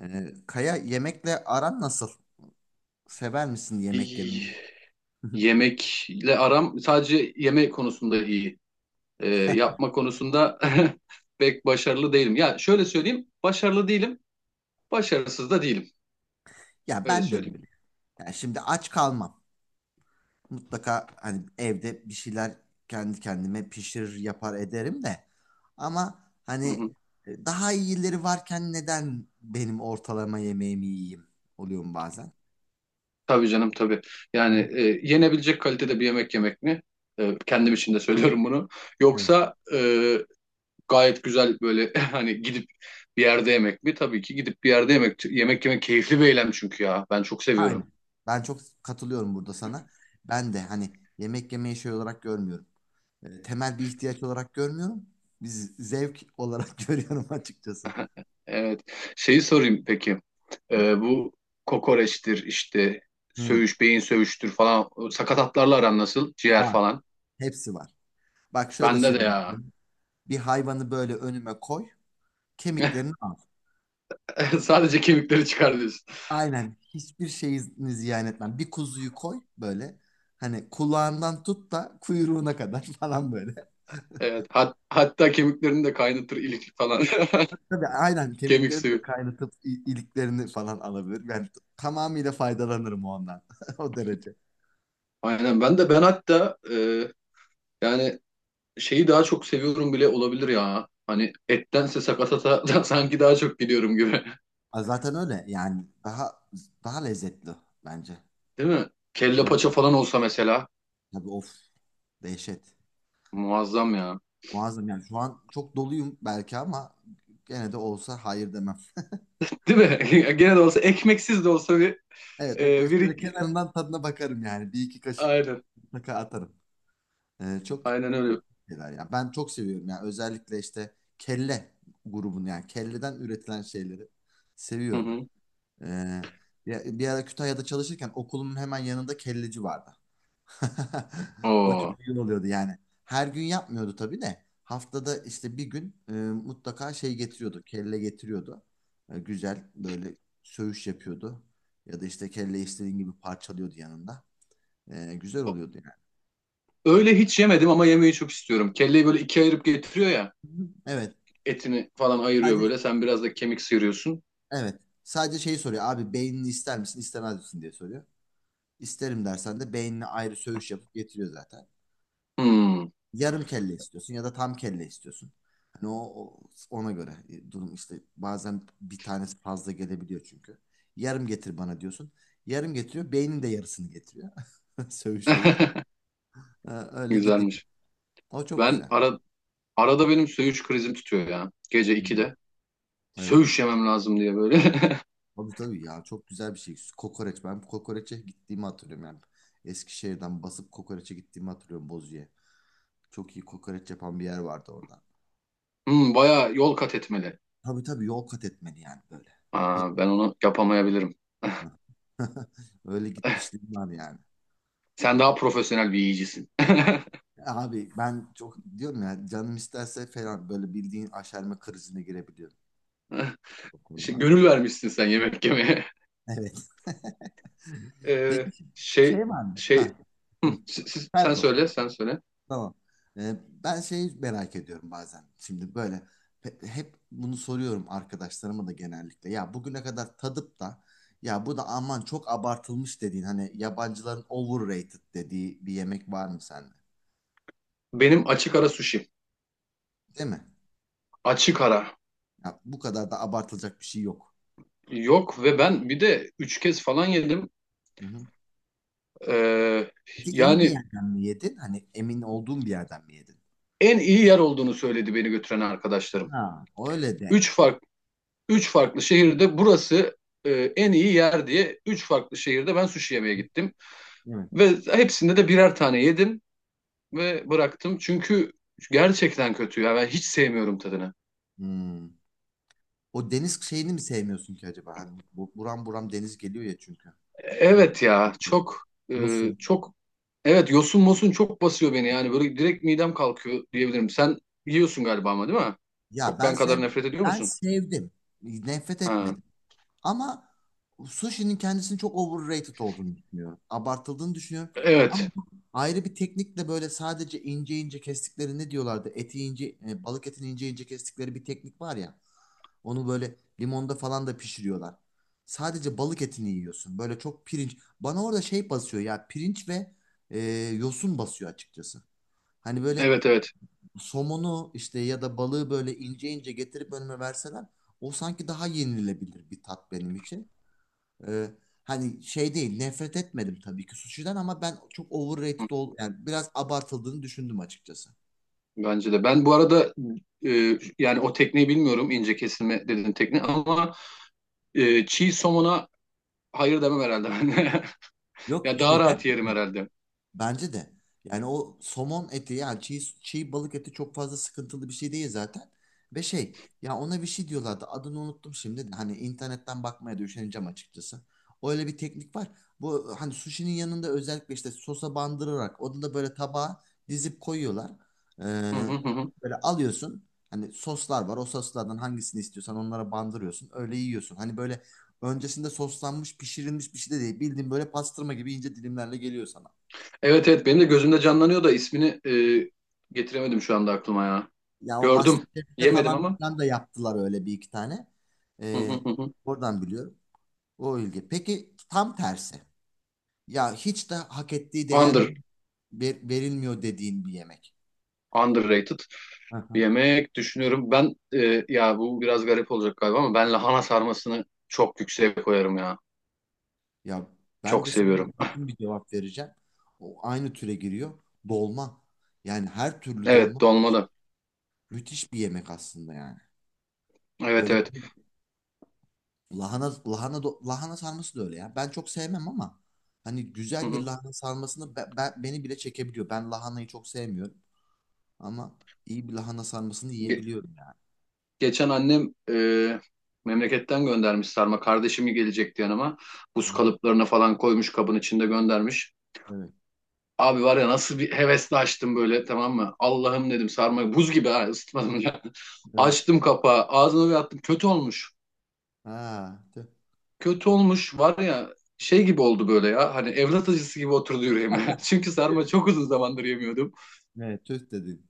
Kaya yemekle aran nasıl? Sever misin yemek Y- yemeyi? Yemekle aram sadece yemek konusunda iyi. Yapma konusunda pek başarılı değilim. Ya şöyle söyleyeyim, başarılı değilim, başarısız da değilim. Ya Öyle ben de söyleyeyim. öyle. Yani şimdi aç kalmam. Mutlaka hani evde bir şeyler kendi kendime pişirir yapar ederim de. Ama Hı hani hı. Daha iyileri varken neden benim ortalama yemeğimi yiyeyim? Oluyor mu bazen? Tabii canım, tabii. Aha, Yani yenebilecek kalitede bir yemek yemek mi? Kendim için de söylüyorum bunu. evet. Yoksa gayet güzel böyle hani gidip bir yerde yemek mi? Tabii ki gidip bir yerde yemek yemek yemek keyifli bir eylem çünkü ya. Ben çok seviyorum. Aynen. Ben çok katılıyorum burada sana. Ben de hani yemek yemeyi şey olarak görmüyorum. Temel bir ihtiyaç olarak görmüyorum. Biz zevk olarak görüyorum açıkçası. Evet. Şeyi sorayım peki. Hı hı. Bu kokoreçtir işte, Hı, söğüş, beyin söğüştür falan. O sakatatlarla aran nasıl? Ciğer var. falan. Hepsi var. Bak şöyle Bende de söyleyeyim. ya. Bir hayvanı böyle önüme koy, kemiklerini al. Sadece kemikleri çıkar diyorsun. Aynen. Hiçbir şeyini ziyan etmem. Bir kuzuyu koy böyle. Hani kulağından tut da kuyruğuna kadar falan böyle. Evet. Hatta kemiklerini de kaynatır, ilik falan. Tabii aynen Kemik kemiklerini de suyu. kaynatıp iliklerini falan alabilir. Yani tamamıyla faydalanırım ondan. O derece. Aynen. Ben hatta yani şeyi daha çok seviyorum bile olabilir ya. Hani ettense sakatata da sanki daha çok gidiyorum gibi. Aa, zaten öyle yani daha lezzetli bence. Değil mi? Kelle Evet, paça falan olsa mesela. tabii, of, dehşet. Muazzam ya. Muazzam yani şu an çok doluyum belki ama gene de olsa hayır demem. Değil mi? Gene de olsa, ekmeksiz de olsa bir Evet, e, ekmek bir şöyle kenarından tadına bakarım yani. Bir iki kaşık aynen. mutlaka atarım. Çok Aynen öyle. şeyler yani ben çok seviyorum yani özellikle işte kelle grubunu, yani kelleden üretilen şeyleri Hı seviyorum. hı. Ee, bir ara Kütahya'da çalışırken okulumun hemen yanında kelleci vardı. O çok Oo. iyi oluyordu yani. Her gün yapmıyordu tabii de. Haftada işte bir gün mutlaka şey getiriyordu. Kelle getiriyordu. Güzel böyle söğüş yapıyordu. Ya da işte kelle istediğin gibi parçalıyordu yanında. Güzel oluyordu yani. Öyle hiç yemedim ama yemeyi çok istiyorum. Kelleyi böyle ikiye ayırıp getiriyor ya. Hı hı. Evet. Etini falan ayırıyor Sadece böyle. Sen biraz da kemik sıyırıyorsun. evet. Sadece şeyi soruyor. Abi, beynini ister misin, istemez misin diye soruyor. İsterim dersen de beynini ayrı söğüş yapıp getiriyor zaten. Hmm. Yarım kelle istiyorsun ya da tam kelle istiyorsun. Hani ona göre durum işte bazen bir tanesi fazla gelebiliyor çünkü. Yarım getir bana diyorsun. Yarım getiriyor. Beynin de yarısını getiriyor. Söğüş değil. Öyle gidiyor. Güzelmiş. O çok Ben güzel. ara, Arada benim söğüş krizim tutuyor ya. Gece Hı, 2'de. evet. Söğüş yemem lazım diye böyle. Tabii tabii ya, çok güzel bir şey. Kokoreç. Ben kokoreçe gittiğimi hatırlıyorum yani. Eskişehir'den basıp kokoreçe gittiğimi hatırlıyorum Bozu'ya. Çok iyi kokoreç yapan bir yer vardı orada. Hmm, bayağı yol kat etmeli. Tabii tabii, yol kat etmeli yani böyle. Aa, ben onu yapamayabilirim. Öyle gitmişliğim var yani. Sen daha profesyonel bir yiyicisin. Abi, ben çok diyorum ya, canım isterse falan böyle bildiğin aşerme krizine girebiliyorum o İşte konularda. gönül vermişsin sen yemek yemeye. Evet. Peki Ee, şey şey var mı? şey Ha. Hı, Hı. Sen sen sor. söyle sen söyle. Tamam. Ee, ben şeyi merak ediyorum bazen. Şimdi böyle hep bunu soruyorum arkadaşlarıma da genellikle. Ya, bugüne kadar tadıp da ya bu da aman çok abartılmış dediğin, hani yabancıların overrated dediği bir yemek var mı sende? Benim açık ara sushi. Değil mi? Açık ara. Ya, bu kadar da abartılacak bir şey yok. Yok, ve ben bir de üç kez falan yedim. Hı hı. Ee, Peki iyi bir Yani yerden mi yedin? Hani emin olduğun bir yerden mi yedin? en iyi yer olduğunu söyledi beni götüren arkadaşlarım. Ha, öyle de. Üç farklı, Üç farklı şehirde, burası en iyi yer diye üç farklı şehirde ben sushi yemeye gittim. Değil mi? Ve hepsinde de birer tane yedim ve bıraktım. Çünkü gerçekten kötü ya, ben hiç sevmiyorum tadını. Hmm. O deniz şeyini mi sevmiyorsun ki acaba? Hani buram buram deniz geliyor ya çünkü. Şey, Evet ya çok e, yosun. çok evet, yosun mosun çok basıyor beni, yani böyle direkt midem kalkıyor diyebilirim. Sen yiyorsun galiba, ama değil mi? Ya Çok, ben ben kadar sev nefret ediyor Ben musun? sevdim. Nefret Ha. etmedim. Ama sushi'nin kendisini çok overrated olduğunu düşünüyorum. Abartıldığını düşünüyorum. Ama Evet. ayrı bir teknikle böyle sadece ince ince kestikleri ne diyorlardı? Eti ince, balık etini ince ince kestikleri bir teknik var ya. Onu böyle limonda falan da pişiriyorlar. Sadece balık etini yiyorsun. Böyle çok pirinç. Bana orada şey basıyor ya, pirinç ve e, yosun basıyor açıkçası. Hani böyle Evet, evet. somonu işte ya da balığı böyle ince ince getirip önüme verseler, o sanki daha yenilebilir bir tat benim için. Ee, hani şey değil, nefret etmedim tabii ki suşiden, ama ben çok Hı, overrated ol yani biraz abartıldığını düşündüm açıkçası. bence de. Ben bu arada yani o tekniği bilmiyorum, ince kesilme dediğin tekniği, ama çiğ somona hayır demem herhalde ben. Yok Ya işte. daha rahat yerim herhalde. Bence de. Yani o somon eti yani çiğ balık eti çok fazla sıkıntılı bir şey değil zaten. Ve şey ya, ona bir şey diyorlardı, adını unuttum şimdi de. Hani internetten bakmaya da üşeneceğim açıkçası. Öyle bir teknik var. Bu hani sushi'nin yanında özellikle işte sosa bandırarak onu da böyle tabağa dizip koyuyorlar. Ee, Hı hı hı, hı. böyle alıyorsun. Hani soslar var. O soslardan hangisini istiyorsan onlara bandırıyorsun. Öyle yiyorsun. Hani böyle öncesinde soslanmış, pişirilmiş bir şey de değil. Bildiğin böyle pastırma gibi ince dilimlerle geliyor sana. Evet, evet, benim de gözümde canlanıyor da ismini e, getiremedim şu anda aklıma ya. Ya o Gördüm. MasterChef'te Yemedim falan ama. filan da yaptılar öyle bir iki tane. Hı hı Ee, hı hı. oradan biliyorum. O ilgi. Peki tam tersi. Ya hiç de hak ettiği değer Under, verilmiyor dediğin bir yemek. Underrated Hı bir hı. yemek düşünüyorum. Ben ya bu biraz garip olacak galiba ama ben lahana sarmasını çok yükseğe koyarım ya. Ya ben Çok de sana seviyorum. yakın bir cevap vereceğim. O aynı türe giriyor. Dolma. Yani her türlü Evet, dolma dolma da. müthiş bir yemek aslında yani. Evet, Böyle evet. Lahana sarması da öyle ya. Ben çok sevmem ama hani Hı güzel bir hı. lahana sarmasını beni bile çekebiliyor. Ben lahanayı çok sevmiyorum. Ama iyi bir lahana sarmasını Ge- yiyebiliyorum yani. Geçen annem memleketten göndermiş sarma. Kardeşimi gelecekti yanıma. Hı Buz hı. kalıplarına falan koymuş, kabın içinde göndermiş. Evet. Abi var ya, nasıl bir hevesle açtım böyle, tamam mı? Allah'ım dedim, sarmayı buz gibi, ha, ısıtmadım ya. Evet. Açtım kapağı, ağzıma bir attım, kötü olmuş. Ha, tüh. Kötü olmuş var ya, şey gibi oldu böyle ya, hani evlat acısı gibi oturdu yüreğime. Çünkü sarma çok uzun zamandır yemiyordum. Evet, tüh dedin.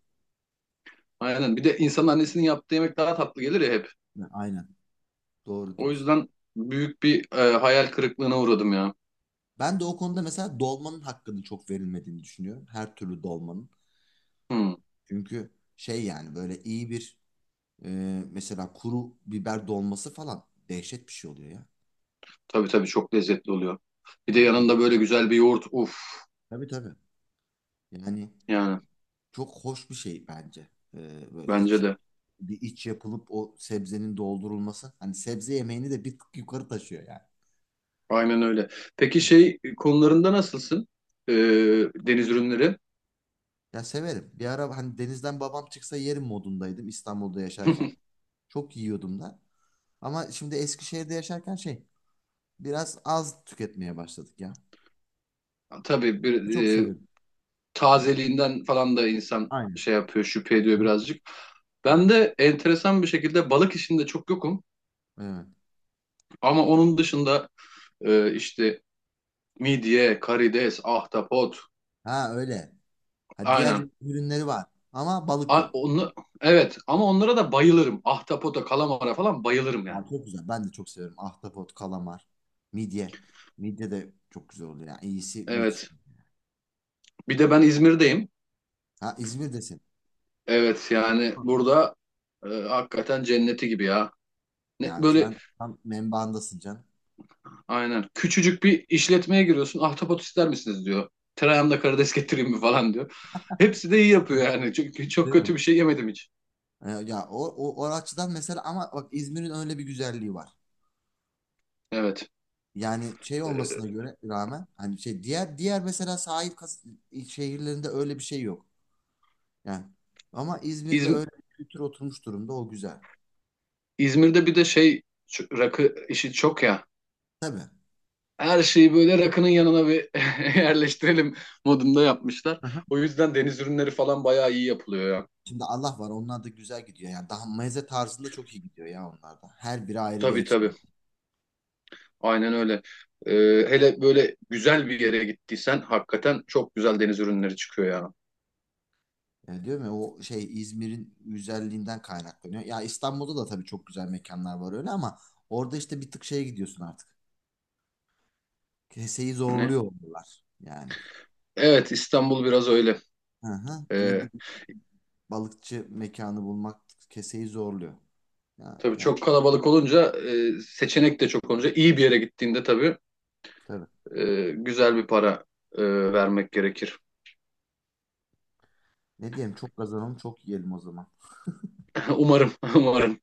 Aynen. Bir de insanın annesinin yaptığı yemek daha tatlı gelir ya hep. Ha, aynen. Doğru O diyorsun. yüzden büyük bir hayal kırıklığına uğradım ya. Ben de o konuda mesela dolmanın hakkının çok verilmediğini düşünüyorum. Her türlü dolmanın. Hmm, Çünkü şey yani böyle iyi bir e, mesela kuru biber dolması falan dehşet bir şey oluyor ya. tabii, tabii, çok lezzetli oluyor. Bir de Yani çok, yanında böyle güzel bir yoğurt, uf, tabii tabii. Yani yani, çok hoş bir şey bence. Böyle bence de bir iç yapılıp o sebzenin doldurulması. Hani sebze yemeğini de bir tık yukarı taşıyor yani. aynen öyle. Peki şey konularında nasılsın? E, Deniz ürünleri? Ya severim. Bir ara hani denizden babam çıksa yerim modundaydım İstanbul'da yaşarken. Çok yiyordum da. Ama şimdi Eskişehir'de yaşarken şey biraz az tüketmeye başladık ya. Tabii, Çok e, severim yani. tazeliğinden falan da insan Aynen. şey yapıyor, şüphe ediyor Ha, birazcık. evet. Ben de enteresan bir şekilde balık işinde çok yokum. Evet. Ama onun dışında işte midye, karides, ahtapot, Ha öyle. Ha, diğer aynen. ürünleri var ama balık A- yok. onu, evet, ama onlara da bayılırım. Ahtapota, kalamara falan bayılırım yani. Ha, çok güzel. Ben de çok severim. Ahtapot, kalamar, midye. Midye de çok güzel oluyor. Yani iyisi müthiş. Evet. Bir de ben İzmir'deyim. Ha, İzmir'desin. Evet, yani Hı. burada hakikaten cenneti gibi ya. Ne, Yani böyle sen tam menbaındasın can. aynen. Küçücük bir işletmeye giriyorsun. Ahtapot ister misiniz diyor. Tereyağımda karides getireyim mi falan diyor. Hepsi de iyi yapıyor yani. Çünkü çok Değil mi? kötü bir şey yemedim hiç. Ya o açıdan mesela, ama bak, İzmir'in öyle bir güzelliği var. Evet. Yani şey olmasına göre rağmen hani şey diğer mesela sahil şehirlerinde öyle bir şey yok. Yani ama İzmir'de İzm- öyle bir kültür oturmuş durumda, o güzel. İzmir'de bir de şey, şu rakı işi çok ya. Tabii. Her şeyi böyle rakının yanına bir yerleştirelim modunda yapmışlar. Hı-hı. O yüzden deniz ürünleri falan bayağı iyi yapılıyor ya. Şimdi Allah var, onlar da güzel gidiyor. Yani daha meze tarzında çok iyi gidiyor ya onlar da. Her biri ayrı bir Tabii, tabii. efsane. Aynen öyle. Ee, Hele böyle güzel bir yere gittiysen hakikaten çok güzel deniz ürünleri çıkıyor ya. Yani diyorum ya, o şey İzmir'in güzelliğinden kaynaklanıyor. Ya İstanbul'da da tabii çok güzel mekanlar var öyle, ama orada işte bir tık şeye gidiyorsun artık. Keseyi Ne? zorluyor onlar yani. Evet, İstanbul biraz öyle. Hı hı. İyi Ee, bir balıkçı mekanı bulmak keseyi zorluyor. Ya, Tabii yani çok kalabalık olunca, seçenek de çok olunca iyi bir yere gittiğinde tabii tabii. Güzel bir para e, vermek gerekir. Ne diyelim, çok kazanalım çok yiyelim o zaman. Umarım, umarım.